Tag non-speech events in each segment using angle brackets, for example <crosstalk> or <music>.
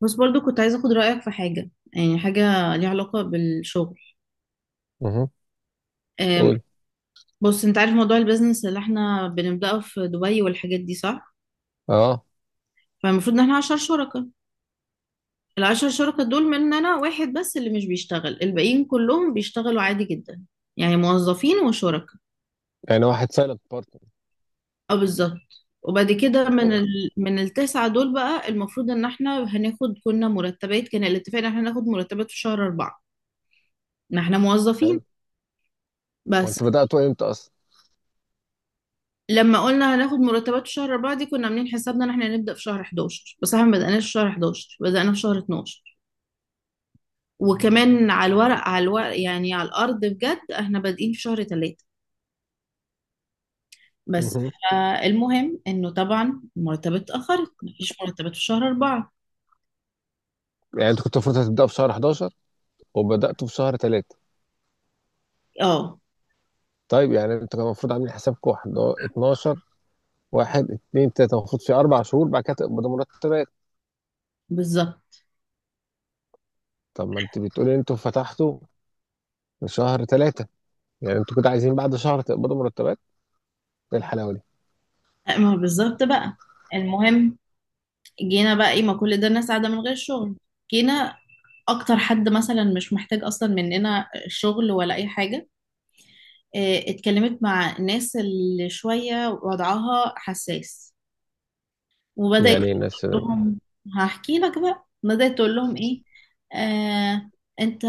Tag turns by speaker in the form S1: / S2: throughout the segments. S1: بس برضو كنت عايزة أخد رأيك في حاجة، يعني حاجة ليها علاقة بالشغل.
S2: مهم.
S1: أم،
S2: قول.
S1: بص، أنت عارف موضوع البيزنس اللي احنا بنبدأه في دبي والحاجات دي، صح؟
S2: اه.
S1: فالمفروض إن احنا عشر شركاء. العشر شركاء دول مننا واحد بس اللي مش بيشتغل، الباقيين كلهم بيشتغلوا عادي جدا، يعني موظفين وشركاء.
S2: يعني واحد سايلنت بارتنر.
S1: اه، بالظبط. وبعد كده
S2: اوكي.
S1: من التسعة دول بقى المفروض إن احنا كنا مرتبات، كان الاتفاق إن احنا ناخد مرتبات في شهر أربعة، ما احنا موظفين.
S2: حلو.
S1: بس،
S2: وانت بدأته امتى اصلا؟
S1: لما قلنا هناخد مرتبات شهر أربعة دي، كنا عاملين حسابنا إن إحنا هنبدأ في شهر 11، بس إحنا ما بدأناش في شهر 11، بدأنا في شهر 12. وكمان على الورق يعني على الأرض بجد، إحنا بادئين في شهر 3. بس.
S2: مهم.
S1: المهم إنه طبعا المرتبات اتأخرت، مفيش مرتبات في شهر 4.
S2: يعني انت كنت المفروض هتبدأ في شهر 11 وبدأته في شهر 3.
S1: أه،
S2: طيب، يعني انت كان المفروض عاملين حسابك واحد هو 12، واحد اتنين تلاتة، المفروض في اربع شهور بعد كده تقبضوا مرتبات.
S1: بالظبط.
S2: طب ما انت بتقولي انتوا فتحتوا في شهر 3، يعني انتوا كنتوا عايزين بعد شهر تقبضوا مرتبات؟ ايه الحلاوة دي؟
S1: ما هو بالظبط بقى. المهم، جينا بقى إيه، ما كل ده الناس قاعدة من غير شغل. جينا أكتر حد مثلا مش محتاج أصلا مننا شغل ولا أي حاجة. اتكلمت مع الناس اللي شوية وضعها حساس، وبدأت
S2: يعني
S1: تقول
S2: ايه الناس ده؟
S1: لهم. هحكي لك بقى، بدأت تقول لهم ايه. آه انت،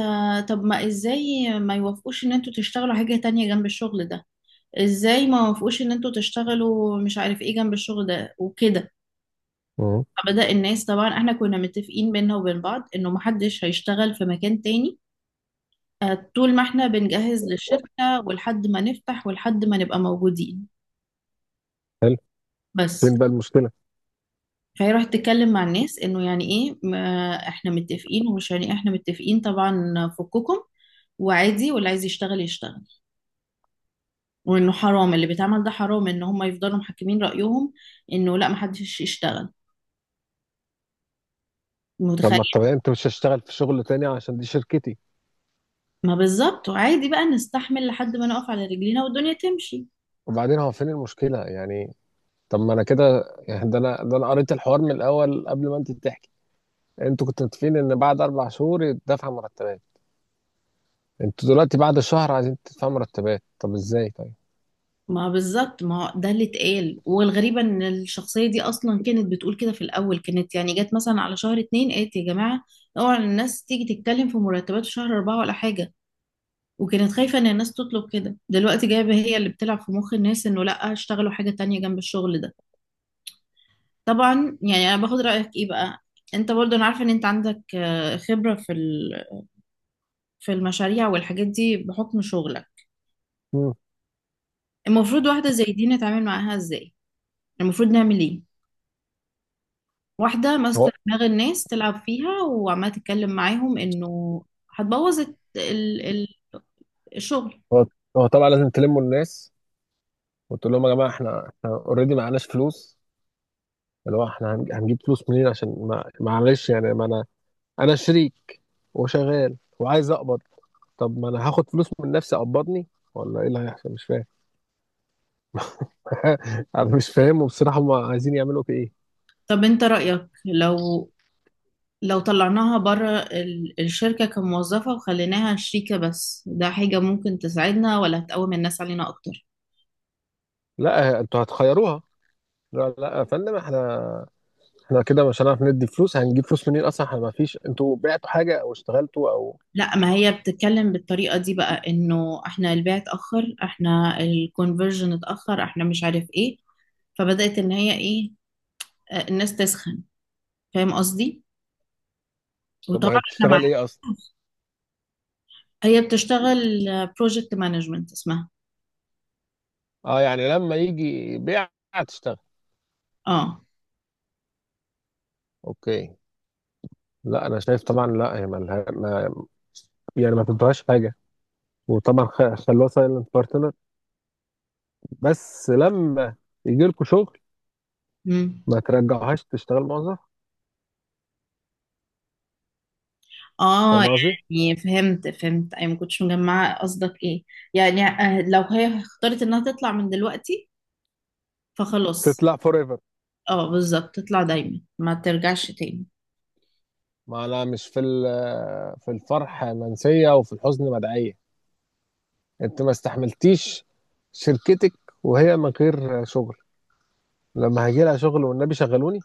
S1: طب ما ازاي ما يوافقوش ان انتوا تشتغلوا حاجة تانية جنب الشغل ده؟ ازاي ما يوافقوش ان انتوا تشتغلوا مش عارف ايه جنب الشغل ده وكده؟
S2: مهم.
S1: فبدأ الناس، طبعا احنا كنا متفقين بينا وبين بعض انه محدش هيشتغل في مكان تاني، طول ما احنا بنجهز للشركة، ولحد ما نفتح، ولحد ما نبقى موجودين.
S2: حلو.
S1: بس،
S2: فين بقى المشكلة؟
S1: فهي راحت تتكلم مع الناس انه يعني ايه، ما احنا متفقين، ومش يعني إيه، احنا متفقين طبعا فككم، وعادي واللي عايز يشتغل يشتغل. وانه حرام اللي بيتعمل ده، حرام ان هم يفضلوا محكمين رأيهم انه لا، محدش يشتغل.
S2: طب ما
S1: متخيل؟
S2: الطبيعي انت مش هشتغل في شغل تاني عشان دي شركتي.
S1: ما بالظبط، وعادي بقى نستحمل لحد ما نقف على رجلينا والدنيا تمشي.
S2: وبعدين هو فين المشكلة يعني؟ طب ما انا كده، يعني ده انا قريت الحوار من الاول قبل ما انت تحكي. انتوا كنتوا متفقين ان بعد اربع شهور يدفع مرتبات، انتوا دلوقتي بعد الشهر عايزين تدفعوا مرتبات؟ طب ازاي طيب؟
S1: ما بالظبط، ما ده اللي اتقال، والغريبة ان الشخصية دي اصلا كانت بتقول كده في الاول. كانت يعني جت مثلا على شهر اتنين، قالت: يا جماعة، اوعى الناس تيجي تتكلم في مرتبات في شهر اربعة ولا حاجة. وكانت خايفة ان الناس تطلب كده. دلوقتي جايبة هي اللي بتلعب في مخ الناس انه لا، اشتغلوا حاجة تانية جنب الشغل ده. طبعا يعني انا باخد رأيك ايه بقى. انت برضه، انا عارفة ان انت عندك، خبرة في في المشاريع والحاجات دي بحكم شغلك.
S2: مم.
S1: المفروض واحدة زي دي نتعامل معاها ازاي؟ المفروض نعمل ايه؟ واحدة ماسكة
S2: هو
S1: دماغ الناس تلعب فيها، وعمالة تتكلم معاهم انه هتبوظ ال- الشغل.
S2: هو هو طبعا لازم تلموا الناس وتقول لهم يا جماعه، احنا اوريدي معناش فلوس، اللي هو احنا هنجيب فلوس منين؟ عشان ما معلش، يعني ما انا شريك وشغال وعايز اقبض. طب ما انا هاخد فلوس من نفسي اقبضني؟ ولا ايه اللي هيحصل؟ مش فاهم. <laughs> انا مش فاهم، وبصراحه هم عايزين يعملوا في ايه؟
S1: طب انت رأيك لو طلعناها بره الشركة كموظفة، وخليناها شريكة بس، ده حاجة ممكن تساعدنا ولا هتقوم الناس علينا أكتر؟
S2: لا، انتوا هتخيروها. لا لا يا فندم، احنا كده مش هنعرف ندي فلوس، هنجيب فلوس منين اصلا؟ احنا ما فيش انتوا بعتوا حاجه او اشتغلتوا او...
S1: لا، ما هي بتتكلم بالطريقة دي بقى، إنه إحنا البيع اتأخر، إحنا الكونفرجن اتأخر، إحنا مش عارف إيه. فبدأت إن هي إيه، الناس تسخن. فاهم قصدي؟
S2: طب وهي
S1: وطبعا إحنا مع.
S2: بتشتغل ايه اصلا؟
S1: هي بتشتغل بروجكت مانجمنت اسمها.
S2: اه، يعني لما يجي بيع تشتغل.
S1: اه.
S2: اوكي. لا انا شايف، طبعا لا، هي مالها، ما يعني ما تدوهاش حاجه، وطبعا خلوها سايلنت بارتنر، بس لما يجي لكم شغل
S1: مم.
S2: ما ترجعوهاش تشتغل موظف،
S1: اه
S2: فاهم قصدي؟
S1: يعني فهمت، اي ما كنتش مجمعه قصدك ايه. يعني لو هي اختارت انها تطلع من دلوقتي فخلاص.
S2: تطلع فور ايفر.
S1: اه بالظبط، تطلع دايما، ما ترجعش تاني.
S2: ما انا مش في في الفرح منسيه وفي الحزن مدعيه. انت ما استحملتيش شركتك وهي من غير شغل، لما هيجي لها شغل والنبي شغلوني؟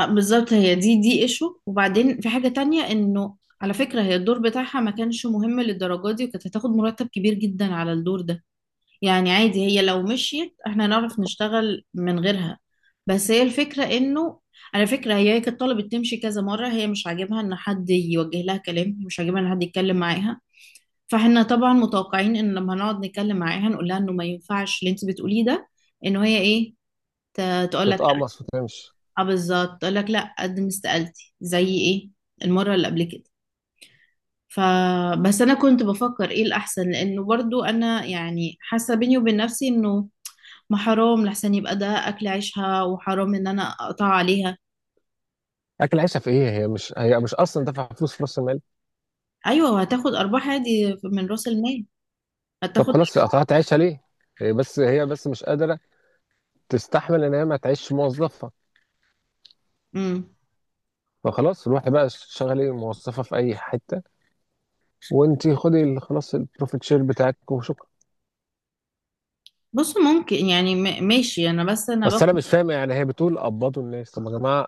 S1: بالظبط، هي دي ايشو. وبعدين في حاجه تانية، انه على فكره، هي الدور بتاعها ما كانش مهم للدرجه دي، وكانت هتاخد مرتب كبير جدا على الدور ده. يعني عادي، هي لو مشيت احنا نعرف نشتغل من غيرها. بس هي الفكرة انه، على فكرة، هي كانت طلبت تمشي كذا مرة، هي مش عاجبها ان حد يوجه لها كلام، مش عاجبها ان حد يتكلم معاها. فاحنا طبعا متوقعين ان لما نقعد نتكلم معاها نقول لها انه ما ينفعش اللي انت بتقوليه ده، انه هي ايه، تقول لك لا.
S2: تتقمص وتمشي.
S1: اه بالظبط، تقول لك لا، قد ما استقالتي زي ايه المرة اللي قبل كده. فبس انا كنت بفكر ايه الاحسن، لانه برضو انا يعني حاسة بيني وبين نفسي انه، ما حرام، لحسن يبقى ده اكل عيشها، وحرام ان انا اقطع عليها.
S2: اكل عيشها في ايه؟ هي مش اصلا دافعه فلوس في راس المال.
S1: ايوه، وهتاخد ارباح عادي من راس المال،
S2: طب
S1: هتاخد.
S2: خلاص قطعت عيشها ليه؟ هي بس مش قادره تستحمل ان هي ما تعيش موظفه،
S1: امم
S2: فخلاص روحي بقى شغلي موظفه في اي حته، وانت خدي خلاص البروفيت شير بتاعك وشكرا.
S1: بص، ممكن يعني ماشي انا، بس انا
S2: بس انا
S1: باخد.
S2: مش فاهم، يعني هي بتقول قبضوا الناس؟ طب يا جماعه،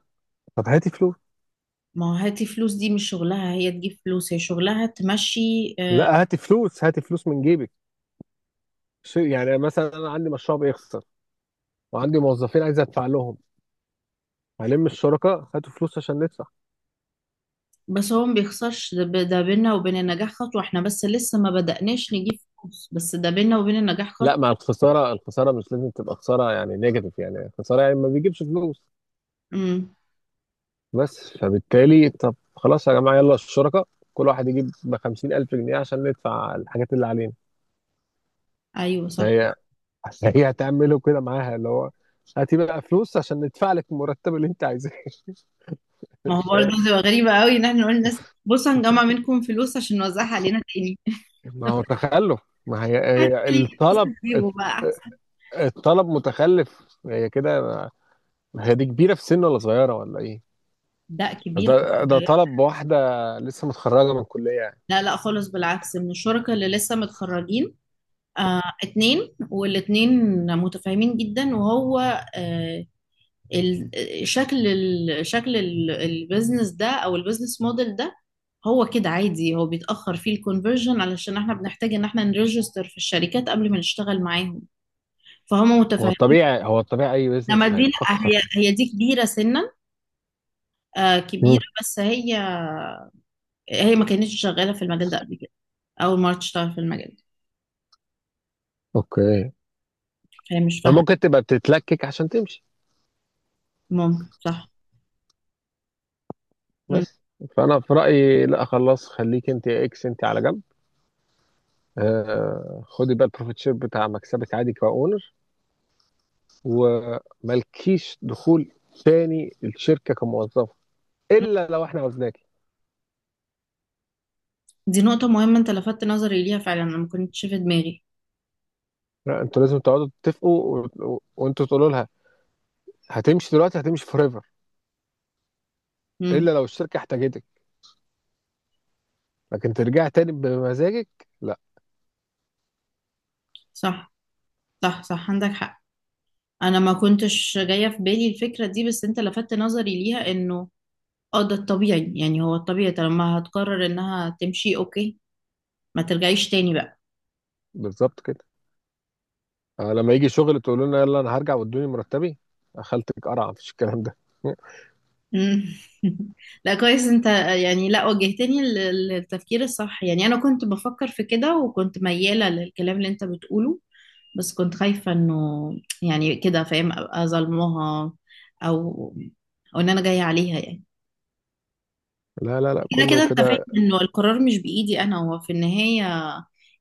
S2: طب هاتي فلوس.
S1: ما هو هاتي فلوس دي مش شغلها، هي تجيب فلوس، هي شغلها تمشي. آه،
S2: لا، هاتي فلوس، هاتي فلوس من جيبك. يعني مثلا انا عندي مشروع بيخسر، وعندي موظفين عايز ادفع لهم، هلم الشركاء هاتوا فلوس عشان ندفع.
S1: بس هو ما بيخسرش، ده ده بينا وبين النجاح خطوه، احنا بس لسه ما بدأناش نجيب فلوس، بس ده بينا وبين النجاح
S2: لا،
S1: خطوه.
S2: مع الخساره، الخساره مش لازم تبقى خساره يعني نيجاتيف، يعني الخساره يعني ما بيجيبش فلوس
S1: امم.
S2: بس. فبالتالي طب خلاص يا جماعه يلا الشركاء كل واحد يجيب ب 50,000 جنيه عشان ندفع الحاجات اللي علينا.
S1: ايوه صح.
S2: فهي هتعمله كده معاها، اللي هو هاتي بقى فلوس عشان ندفع لك المرتب اللي انت عايزاه. <laughs>
S1: ما هو
S2: مش
S1: برضه
S2: فاهم.
S1: تبقى غريبه قوي ان احنا نقول للناس بصوا هنجمع منكم فلوس عشان نوزعها علينا تاني.
S2: ما هو تخلف، ما هي
S1: حتى
S2: هي
S1: ليه،
S2: الطلب
S1: تسيبه بقى احسن.
S2: الطلب متخلف. هي كده. هي دي كبيرة في سن ولا صغيرة ولا ايه؟
S1: ده
S2: بس
S1: كبير من
S2: ده
S1: الصغير.
S2: طلب واحدة لسه متخرجة من الكلية يعني.
S1: لا لا خالص، بالعكس، من الشركاء اللي لسه متخرجين. آه، اتنين والاتنين متفاهمين جدا، وهو آه ال- البيزنس ده او البيزنس موديل ده، هو كده عادي، هو بيتأخر فيه الكونفرجن علشان احنا بنحتاج ان احنا نريجستر في الشركات قبل ما نشتغل معاهم. فهم
S2: هو
S1: متفاهمين.
S2: الطبيعي اي
S1: انما
S2: بيزنس
S1: دي لا،
S2: هيتأخر.
S1: هي دي كبيرة سنا. آه،
S2: مم.
S1: كبيرة، بس هي ما كانتش شغالة في المجال ده قبل كده. أول مرة تشتغل في المجال ده.
S2: اوكي.
S1: فهي مش
S2: ما
S1: فاهمة.
S2: ممكن تبقى بتتلكك عشان تمشي؟
S1: ممكن، صح. مم.
S2: بس فانا في رأيي لا خلاص، خليك انت يا اكس انت على جنب، خدي بقى البروفيت شير بتاع مكسبك عادي كاونر، ومالكيش دخول تاني الشركة كموظفة الا لو احنا عاوزناكي.
S1: دي نقطة مهمة، أنت لفتت نظري ليها فعلا، أنا ما كنتش في دماغي.
S2: لا، انتوا لازم تقعدوا تتفقوا وانتوا تقولوا لها هتمشي دلوقتي، هتمشي فور ايفر،
S1: مم.
S2: الا لو الشركه احتاجتك، لكن ترجع تاني بمزاجك؟ لا.
S1: صح، صح، صح، عندك حق. أنا ما كنتش جاية في بالي الفكرة دي، بس أنت لفتت نظري ليها، إنه ده الطبيعي، يعني هو الطبيعي طالما هتقرر إنها تمشي، أوكي، ما ترجعيش تاني بقى.
S2: بالظبط كده. لما يجي شغل تقول لنا يلا انا هرجع وادوني مرتبي؟ خالتك قرع، مفيش الكلام ده. <laughs>
S1: مم. <laughs> لا، كويس انت، يعني لا وجهتني للتفكير الصح. يعني انا كنت بفكر في كده، وكنت ميالة للكلام اللي انت بتقوله، بس كنت خايفة انه يعني كده، فاهم، ابقى ظلمها، او او ان انا جاية عليها يعني.
S2: لا لا لا،
S1: كده كده
S2: كله
S1: انت فاهم
S2: كده.
S1: انه القرار مش بايدي انا، هو في النهاية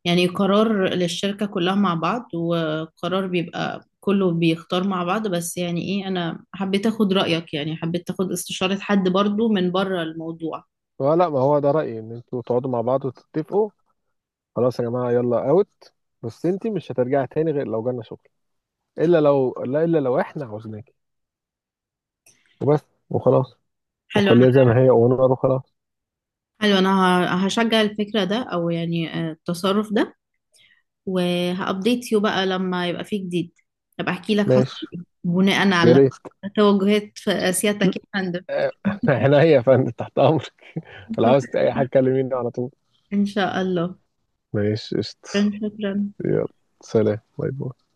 S1: يعني قرار للشركة كلها مع بعض، وقرار بيبقى كله بيختار مع بعض، بس يعني ايه، انا حبيت اخد رأيك، يعني حبيت اخد استشارة حد برضو من بره الموضوع.
S2: لا، ما هو ده رايي ان انتوا تقعدوا مع بعض وتتفقوا. خلاص يا جماعه يلا اوت. بس انت مش هترجعي تاني غير لو جالنا شغل. الا لو لا الا لو احنا عاوزينك وبس وخلاص.
S1: حلو
S2: وخليها
S1: انا
S2: زي ما هي ونقر وخلاص.
S1: حلو انا هشجع الفكرة ده، او يعني التصرف ده. وهابديت يو بقى لما يبقى فيه جديد، ابقى احكي لك حصل
S2: ماشي،
S1: ايه بناء
S2: يا
S1: على
S2: ريت.
S1: توجهات في سيادتك، يا
S2: <laughs>
S1: فندم.
S2: آه، عينيا يا فندم تحت امرك. <laughs> لو عاوزت
S1: <laughs>
S2: اي حاجه كلميني على طول.
S1: ان شاء الله.
S2: ماشي قشطة.
S1: شكرا.
S2: يلا، سلام باي باي.